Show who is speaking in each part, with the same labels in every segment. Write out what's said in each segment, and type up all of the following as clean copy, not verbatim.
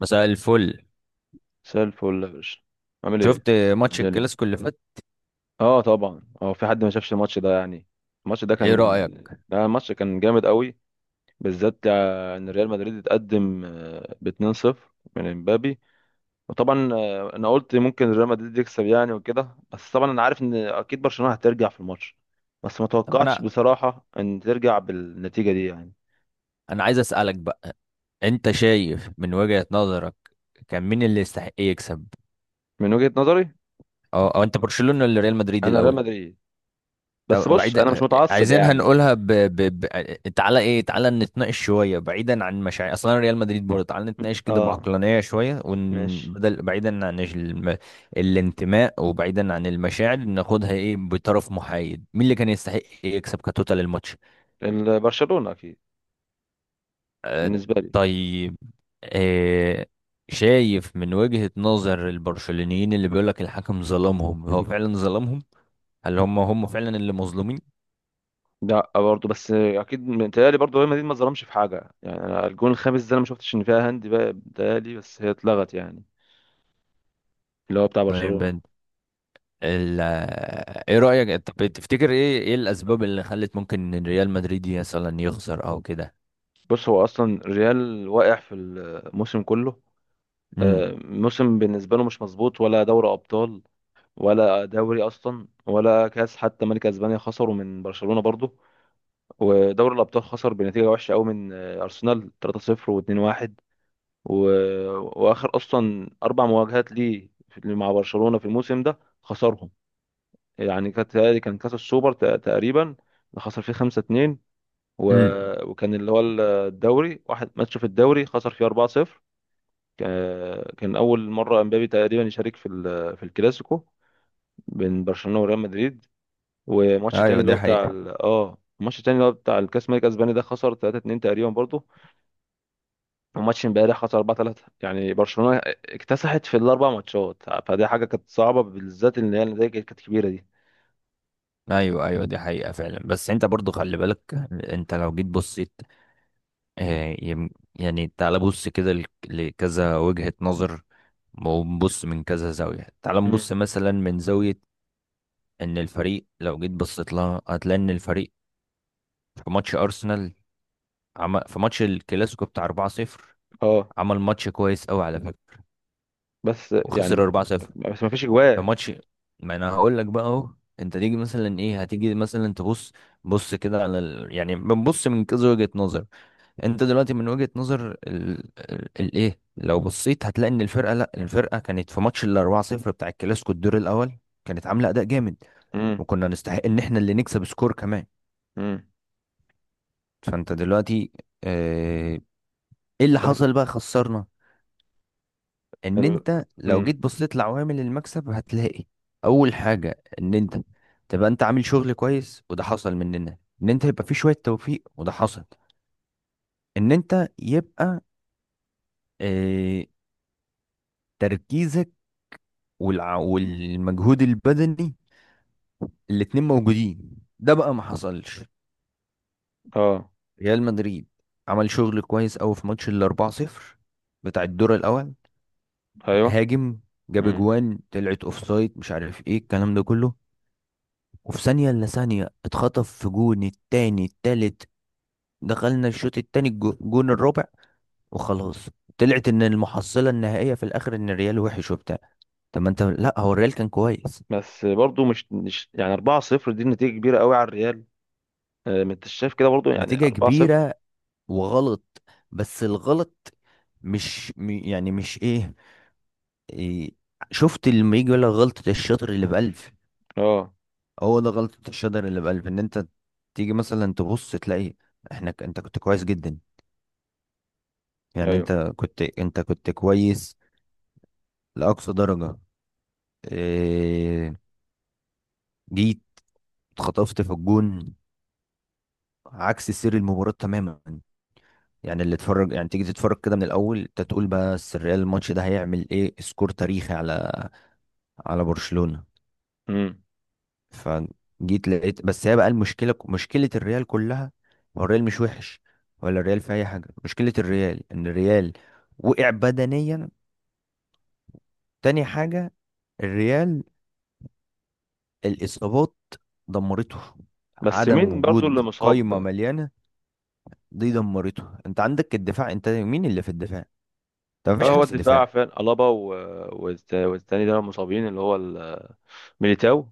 Speaker 1: مساء الفل.
Speaker 2: مساء الفل يا باشا، عامل ايه؟
Speaker 1: شفت ماتش
Speaker 2: الدنيا.
Speaker 1: الكلاسيكو اللي فات؟
Speaker 2: اه طبعا، في حد ما شافش الماتش ده يعني.
Speaker 1: ايه رأيك؟
Speaker 2: الماتش كان جامد قوي، بالذات ان ريال مدريد اتقدم ب 2-0 من امبابي. وطبعا انا قلت ممكن ريال مدريد يكسب يعني وكده، بس طبعا انا عارف ان اكيد برشلونة هترجع في الماتش، بس ما
Speaker 1: طب
Speaker 2: توقعتش
Speaker 1: انا،
Speaker 2: بصراحة ان ترجع بالنتيجة دي يعني.
Speaker 1: عايز اسألك بقى، انت شايف من وجهة نظرك كان مين اللي يستحق يكسب؟
Speaker 2: من وجهة نظري
Speaker 1: أو انت برشلونة ولا ريال مدريد
Speaker 2: انا ريال
Speaker 1: الاول؟
Speaker 2: مدريد، بس
Speaker 1: طب
Speaker 2: بص
Speaker 1: بعيد،
Speaker 2: انا مش متعصب
Speaker 1: عايزين
Speaker 2: يعني.
Speaker 1: هنقولها ب... تعالى ايه، تعالى نتناقش شوية بعيدا عن مشاعر اصلا ريال مدريد برضه، تعالى نتناقش كده
Speaker 2: اه،
Speaker 1: بعقلانية شوية ون...
Speaker 2: ماشي.
Speaker 1: بدل بعيدا عن الانتماء وبعيدا عن المشاعر، ناخدها ايه بطرف محايد، مين اللي كان يستحق يكسب كتوتال الماتش؟
Speaker 2: برشلونة اكيد
Speaker 1: آه،
Speaker 2: بالنسبه لي.
Speaker 1: طيب آه، شايف من وجهة نظر البرشلونيين اللي بيقولك الحكم ظلمهم، هو فعلا ظلمهم؟ هل هم فعلا اللي مظلومين؟
Speaker 2: لا برضه، بس اكيد متهيألي برضه ريال مدريد ما ظلمش في حاجه يعني. انا الجون الخامس ده انا ما شفتش ان فيها هاند بقى، متهيألي بس هي اتلغت يعني، اللي هو بتاع
Speaker 1: طيب
Speaker 2: برشلونه.
Speaker 1: ايه رأيك؟ طب تفتكر ايه ايه الاسباب اللي خلت ممكن إن ريال مدريد مثلا يخسر او كده؟
Speaker 2: بص، هو اصلا ريال واقع في الموسم كله.
Speaker 1: امم
Speaker 2: موسم بالنسبه له مش مظبوط، ولا دوري ابطال ولا دوري اصلا ولا كاس حتى. ملك اسبانيا خسروا من برشلونه برضه، ودوري الابطال خسر بنتيجه وحشه قوي من ارسنال 3-0 و2-1. و... واخر اصلا اربع مواجهات ليه مع برشلونه في الموسم ده خسرهم. يعني كانت تهيألي كان كاس السوبر تقريبا اللي خسر فيه 5-2. و...
Speaker 1: امم
Speaker 2: وكان اللي هو الدوري، واحد ماتش في الدوري خسر فيه 4-0. كان اول مره امبابي تقريبا يشارك في في الكلاسيكو بين برشلونه وريال مدريد. وماتش تاني
Speaker 1: ايوه
Speaker 2: اللي
Speaker 1: دي
Speaker 2: هو بتاع
Speaker 1: حقيقة.
Speaker 2: ال... اه الماتش التاني اللي هو بتاع الكاس الملك الاسباني ده خسر 3-2 تقريبا برضه. وماتش امبارح خسر 4-3، يعني برشلونة اكتسحت في الاربع ماتشات، فدي حاجة كانت صعبة، بالذات ان هي النتائج كانت كبيرة دي.
Speaker 1: ايوه، دي حقيقة فعلا، بس انت برضو خلي بالك، انت لو جيت بصيت، آه، يم- يعني تعال بص كده لكذا وجهة نظر ونبص من كذا زاوية. تعال
Speaker 2: مم.
Speaker 1: نبص مثلا من زاوية ان الفريق، لو جيت بصيت لها هتلاقي ان الفريق في ماتش ارسنال، عمل في ماتش الكلاسيكو بتاع 4-0،
Speaker 2: اه.
Speaker 1: عمل ماتش كويس قوي على فكرة
Speaker 2: بس يعني
Speaker 1: وخسر
Speaker 2: م-
Speaker 1: 4-0
Speaker 2: بس ما فيش
Speaker 1: في
Speaker 2: اجوان.
Speaker 1: ماتش. ما انا هقول لك بقى اهو، انت تيجي مثلا، ايه، هتيجي مثلا تبص، بص كده على يعني بنبص من كذا وجهة نظر. انت دلوقتي من وجهة نظر الايه لو بصيت هتلاقي ان الفرقه لا الفرقه كانت في ماتش ال 4-0 بتاع الكلاسيكو الدور الاول، كانت عامله اداء جامد،
Speaker 2: مم.
Speaker 1: وكنا نستحق ان احنا اللي نكسب سكور كمان.
Speaker 2: مم.
Speaker 1: فانت دلوقتي، اه... ايه اللي
Speaker 2: بس
Speaker 1: حصل بقى خسرنا؟ ان
Speaker 2: ال...
Speaker 1: انت لو
Speaker 2: مم.
Speaker 1: جيت بصيت لعوامل المكسب هتلاقي اول حاجه ان انت تبقى انت عامل شغل كويس، وده حصل مننا، ان انت يبقى في شويه توفيق، وده حصل، ان انت يبقى اه... تركيزك والمجهود البدني الاتنين موجودين، ده بقى ما حصلش.
Speaker 2: اه.
Speaker 1: ريال مدريد عمل شغل كويس قوي في ماتش ال 4-0 بتاع الدور الاول،
Speaker 2: ايوه.
Speaker 1: هاجم، جاب
Speaker 2: مم.
Speaker 1: اجوان طلعت اوفسايد، مش عارف ايه الكلام ده كله، وفي ثانية الا ثانية اتخطف في جون التاني التالت، دخلنا الشوط التاني الجون الرابع، وخلاص، طلعت ان المحصلة النهائية في الاخر ان الريال وحش وبتاع. طب ما انت لا، هو الريال كان كويس،
Speaker 2: بس برضو مش يعني 4-0 دي نتيجة كبيرة قوي على الريال. ما انت شايف كده برضو، يعني
Speaker 1: نتيجة
Speaker 2: 4-0.
Speaker 1: كبيرة وغلط، بس الغلط مش يعني مش ايه, إيه شفت لما يجي يقول لك غلطة الشاطر اللي بألف؟
Speaker 2: اه.
Speaker 1: هو ده غلطة الشاطر اللي بألف، ان انت تيجي مثلا تبص تلاقي احنا انت كنت كويس جدا، يعني
Speaker 2: ايوه.
Speaker 1: انت كنت كويس لأقصى درجة. إيه، جيت اتخطفت في الجون عكس سير المباراة تماما. يعني اللي اتفرج، يعني تيجي تتفرج كده من الأول انت تقول بس الريال الماتش ده هيعمل ايه سكور تاريخي على على برشلونة.
Speaker 2: مم.
Speaker 1: فجيت لقيت بس، هي بقى المشكله، الريال كلها، هو الريال مش وحش ولا الريال في اي حاجه، مشكله الريال ان الريال وقع بدنيا. تاني حاجه، الريال، الاصابات دمرته،
Speaker 2: بس
Speaker 1: عدم
Speaker 2: مين برضو
Speaker 1: وجود
Speaker 2: اللي
Speaker 1: قايمه
Speaker 2: مصاب؟
Speaker 1: مليانه دي دمرته. انت عندك الدفاع، انت مين اللي في الدفاع؟ انت
Speaker 2: اه،
Speaker 1: مفيش
Speaker 2: هو
Speaker 1: حد في
Speaker 2: الدفاع
Speaker 1: الدفاع.
Speaker 2: فعلا الابا والتاني ده مصابين، اللي هو ميليتاو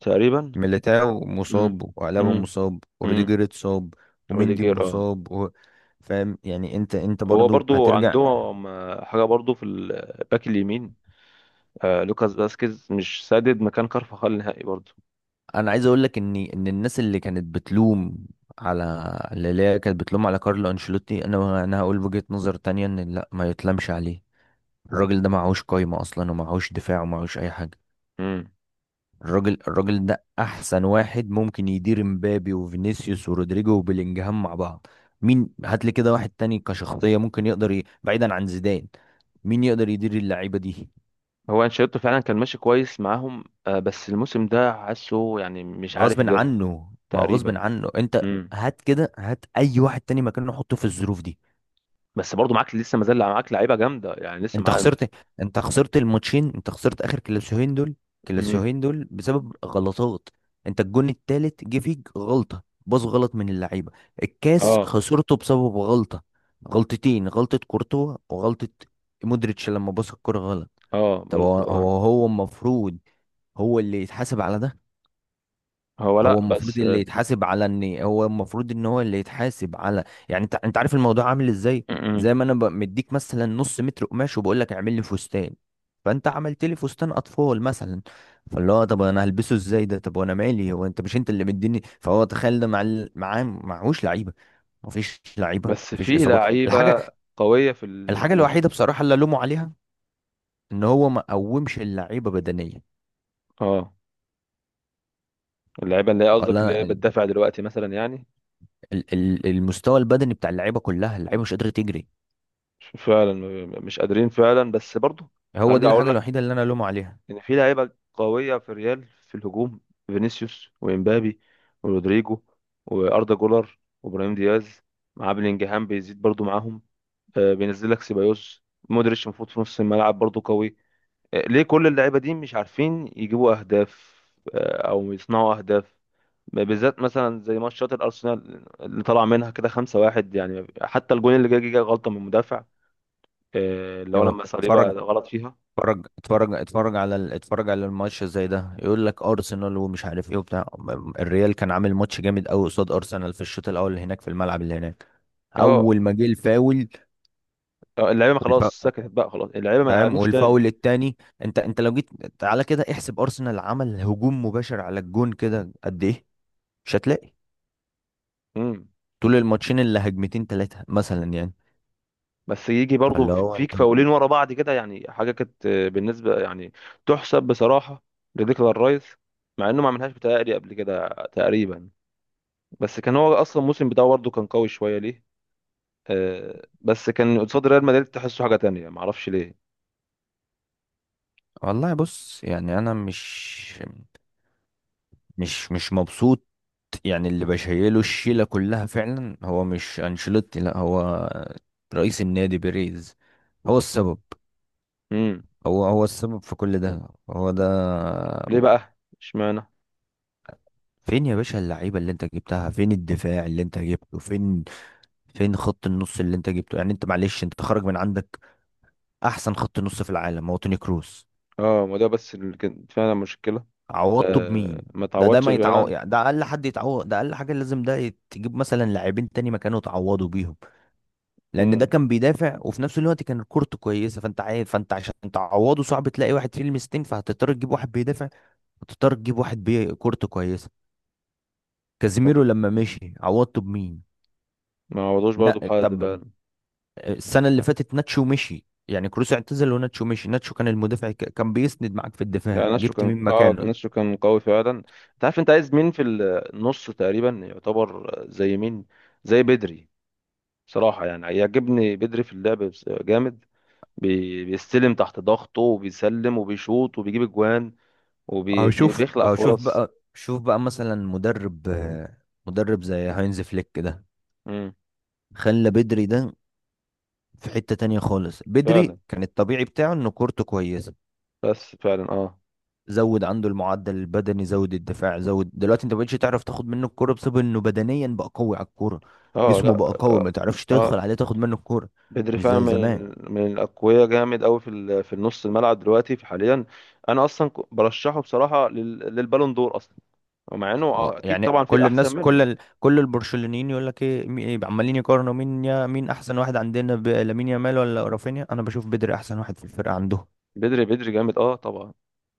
Speaker 2: تقريبا.
Speaker 1: ميليتاو
Speaker 2: امم.
Speaker 1: مصاب، وألابا
Speaker 2: امم.
Speaker 1: مصاب،
Speaker 2: امم.
Speaker 1: وروديجر اتصاب، ومندي
Speaker 2: روديجير اه.
Speaker 1: مصاب، فاهم يعني؟ انت
Speaker 2: هو
Speaker 1: برضو
Speaker 2: برضو
Speaker 1: هترجع.
Speaker 2: عندهم حاجه برضو في الباك اليمين، آه لوكاس فاسكيز مش سادد مكان كارفاخال نهائي برضو.
Speaker 1: انا عايز اقول لك ان الناس اللي كانت بتلوم على اللي هي كانت بتلوم على كارلو انشيلوتي، انا هقول وجهة نظر تانية، ان لا، ما يتلمش عليه. الراجل ده معهوش قايمة اصلا، ومعهوش دفاع، ومعهوش اي حاجة.
Speaker 2: امم.
Speaker 1: الراجل ده احسن واحد ممكن يدير مبابي وفينيسيوس ورودريجو وبيلينجهام مع بعض. مين؟ هات لي كده واحد تاني كشخصية ممكن يقدر بعيدا عن زيدان، مين يقدر يدير اللعيبة دي؟
Speaker 2: هو انشيلوتي فعلا كان ماشي كويس معاهم آه، بس الموسم ده حاسه يعني مش عارف
Speaker 1: غصب
Speaker 2: يديرهم.
Speaker 1: عنه، ما هو غصب
Speaker 2: تقريبا.
Speaker 1: عنه انت.
Speaker 2: امم.
Speaker 1: هات كده هات اي واحد تاني مكانه، حطه في الظروف دي.
Speaker 2: بس برضو معاك لسه، ما زال معاك لعيبه جامده يعني لسه
Speaker 1: انت
Speaker 2: معاك.
Speaker 1: خسرت، انت خسرت الماتشين، انت خسرت اخر كلاسيوهين دول،
Speaker 2: امم.
Speaker 1: كلاسيوهين دول بسبب غلطات. انت الجون التالت جه فيك غلطة باص غلط من اللعيبة، الكاس
Speaker 2: اه.
Speaker 1: خسرته بسبب غلطة، غلطتين، غلطة كورتوا وغلطة مودريتش لما باص الكرة غلط.
Speaker 2: اه.
Speaker 1: طب هو
Speaker 2: برضو اه.
Speaker 1: هو هو المفروض هو اللي يتحاسب على ده؟
Speaker 2: هو
Speaker 1: هو
Speaker 2: لا
Speaker 1: المفروض
Speaker 2: بس.
Speaker 1: اللي يتحاسب على ان هو المفروض ان هو اللي يتحاسب على، يعني انت عارف الموضوع عامل ازاي؟ زي ما انا مديك مثلا نص متر قماش وبقول لك اعمل لي فستان، فانت عملت لي فستان اطفال مثلا، فاللي هو طب انا هلبسه ازاي ده؟ طب وانا مالي، هو انت مش انت اللي مديني؟ فهو تخيل ده مع معاه معهوش لعيبه، مفيش لعيبه،
Speaker 2: بس
Speaker 1: مفيش
Speaker 2: في
Speaker 1: اصابات.
Speaker 2: لعيبة
Speaker 1: الحاجه،
Speaker 2: قوية في
Speaker 1: الحاجه
Speaker 2: الهجوم.
Speaker 1: الوحيده بصراحه اللي الومه عليها ان هو ما قومش اللعيبه بدنيا.
Speaker 2: اه، اللعيبة اللي هي قصدك اللي
Speaker 1: ولا
Speaker 2: هي بتدافع دلوقتي مثلا يعني.
Speaker 1: المستوى البدني بتاع اللعيبه كلها، اللعيبه مش قادره تجري.
Speaker 2: مش قادرين فعلا بس برضه.
Speaker 1: هو دي
Speaker 2: هرجع اقول
Speaker 1: الحاجة
Speaker 2: لك
Speaker 1: الوحيدة اللي انا الومه عليها.
Speaker 2: ان في لعيبة قوية في ريال في الهجوم، فينيسيوس وامبابي ورودريجو واردا جولر وابراهيم دياز، مع بلينجهام بيزيد برضه معاهم. آه، بينزل لك سيبايوس مودريتش المفروض في نص الملعب برضه قوي. آه، ليه كل اللعيبة دي مش عارفين يجيبوا اهداف آه او يصنعوا اهداف؟ بالذات مثلا زي ماتشات الارسنال اللي طلع منها كده 5-1، يعني حتى الجون اللي جه غلطه من المدافع، اللي هو
Speaker 1: هو
Speaker 2: لما صليبا
Speaker 1: اتفرج،
Speaker 2: غلط فيها.
Speaker 1: اتفرج على اتفرج على الماتش زي ده، يقول لك ارسنال ومش عارف ايه وبتاع، الريال كان عامل ماتش جامد قوي قصاد ارسنال في الشوط الاول اللي هناك، في الملعب اللي هناك.
Speaker 2: اه.
Speaker 1: اول ما جه الفاول
Speaker 2: اللعيبه ما
Speaker 1: والف...
Speaker 2: خلاص سكتت بقى، خلاص اللعيبه ما
Speaker 1: فاهم
Speaker 2: يلعبوش تاني.
Speaker 1: والفاول التاني، انت لو جيت، تعالى كده احسب ارسنال عمل هجوم مباشر على الجون كده قد ايه؟ مش هتلاقي
Speaker 2: امم.
Speaker 1: طول الماتشين اللي هجمتين ثلاثة مثلا يعني.
Speaker 2: بس يجي برضو
Speaker 1: فاللي هو
Speaker 2: فيك
Speaker 1: انت،
Speaker 2: فاولين ورا بعض كده، يعني حاجه كانت بالنسبه يعني تحسب بصراحه لديكلان رايس، مع انه ما عملهاش بتهيألي قبل كده تقريبا، بس كان هو اصلا الموسم بتاعه برضه كان قوي شويه ليه. بس كان قصاد ريال مدريد تحسه حاجه تانية ما اعرفش ليه.
Speaker 1: والله بص يعني انا مش مبسوط. يعني اللي بشيله الشيلة كلها فعلا هو مش أنشيلوتي، لا، هو رئيس النادي بيريز، هو السبب.
Speaker 2: امم.
Speaker 1: هو السبب في كل ده، هو ده.
Speaker 2: ليه بقى اشمعنى؟
Speaker 1: فين يا باشا اللعيبة اللي انت جبتها؟ فين الدفاع اللي انت جبته؟ فين فين خط النص اللي انت جبته؟ يعني انت معلش، انت تخرج من عندك، احسن خط نص في العالم هو توني كروس،
Speaker 2: اه، ما ده بس اللي كانت فعلا مشكلة.
Speaker 1: عوضته
Speaker 2: آه،
Speaker 1: بمين؟
Speaker 2: ما
Speaker 1: ده
Speaker 2: تعوضش
Speaker 1: ما يتعوض،
Speaker 2: فعلا.
Speaker 1: يعني ده اقل حد يتعوض، ده اقل حاجة لازم ده تجيب مثلا لاعبين تاني مكانه تعوضوا بيهم، لان ده
Speaker 2: مم.
Speaker 1: كان بيدافع وفي نفس الوقت كان الكورته كويسه، فانت عارف، فانت عشان تعوضه صعب تلاقي واحد فيه لمستين، فهتضطر تجيب واحد بيدافع وتضطر تجيب واحد بيه كورته كويسه. كازيميرو لما مشي عوضته بمين؟
Speaker 2: ما عوضوش برضه
Speaker 1: لا
Speaker 2: بحد
Speaker 1: طب،
Speaker 2: فعلا.
Speaker 1: السنه اللي فاتت ناتشو مشي، يعني كروس اعتزل وناتشو مشي، ناتشو كان المدافع كان بيسند معاك في الدفاع،
Speaker 2: يعني نشو
Speaker 1: جبت
Speaker 2: كان
Speaker 1: مين
Speaker 2: اه،
Speaker 1: مكانه؟
Speaker 2: نشو كان قوي فعلا. انت عارف انت عايز مين في النص؟ تقريبا يعتبر زي مين؟ زي بدري. صراحة يعني يعجبني بدري في اللعب، جامد، بيستلم تحت ضغطه وبيسلم وبيشوط وبيجيب اجوان
Speaker 1: اهو شوف،
Speaker 2: وبيخلق
Speaker 1: اهو شوف
Speaker 2: فرص.
Speaker 1: بقى، شوف بقى مثلا مدرب مدرب زي هاينز فليك ده،
Speaker 2: امم.
Speaker 1: خلى بدري ده في حتة تانية خالص. بدري
Speaker 2: فعلا،
Speaker 1: كان الطبيعي بتاعه انه كورته كويسة،
Speaker 2: بس فعلا اه.
Speaker 1: زود عنده المعدل البدني، زود الدفاع، زود، دلوقتي انت مبقتش تعرف تاخد منه الكوره بسبب انه بدنيا بقى قوي على الكوره،
Speaker 2: اه. لا.
Speaker 1: جسمه بقى قوي،
Speaker 2: اه.
Speaker 1: ما تعرفش
Speaker 2: آه.
Speaker 1: تدخل عليه تاخد منه الكوره،
Speaker 2: بدري
Speaker 1: مش
Speaker 2: فعلا
Speaker 1: زي زمان.
Speaker 2: من الاقوياء، جامد قوي في في النص الملعب دلوقتي في حاليا. انا اصلا برشحه بصراحه للبالون دور اصلا. مع انه
Speaker 1: و-
Speaker 2: اكيد
Speaker 1: يعني
Speaker 2: طبعا في
Speaker 1: كل
Speaker 2: احسن
Speaker 1: الناس،
Speaker 2: منه.
Speaker 1: كل البرشلونيين يقول لك ايه مي- إيه، عمالين يقارنوا مين يا مين احسن واحد عندنا لامين يامال ولا رافينيا، انا بشوف بدري احسن واحد في الفرقه عندهم.
Speaker 2: بدري بدري جامد اه طبعا.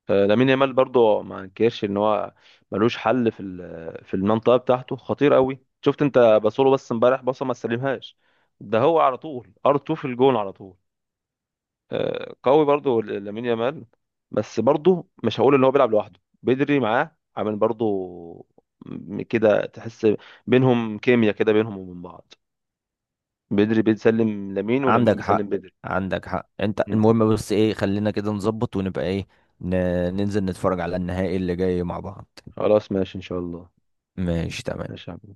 Speaker 2: لامين يامال برضو ما انكرش ان هو ملوش حل في في المنطقه بتاعته، خطير قوي. شفت انت بصوله؟ بس امبارح بصه ما استلمهاش، ده هو على طول ار 2 في الجون على طول. قوي برضو لامين يامال. بس برضو مش هقول ان هو بيلعب لوحده، بدري معاه عامل برضو كده تحس بينهم كيمياء كده بينهم وبين بعض. بدري بيسلم لامين، ولامين
Speaker 1: عندك
Speaker 2: بيسلم
Speaker 1: حق،
Speaker 2: بدري.
Speaker 1: عندك حق. انت
Speaker 2: مم.
Speaker 1: المهم بس ايه، خلينا كده نظبط ونبقى ايه، ن... ننزل نتفرج على النهائي اللي جاي مع بعض.
Speaker 2: خلاص ماشي ان شاء الله.
Speaker 1: ماشي تمام.
Speaker 2: ماشي يا عم.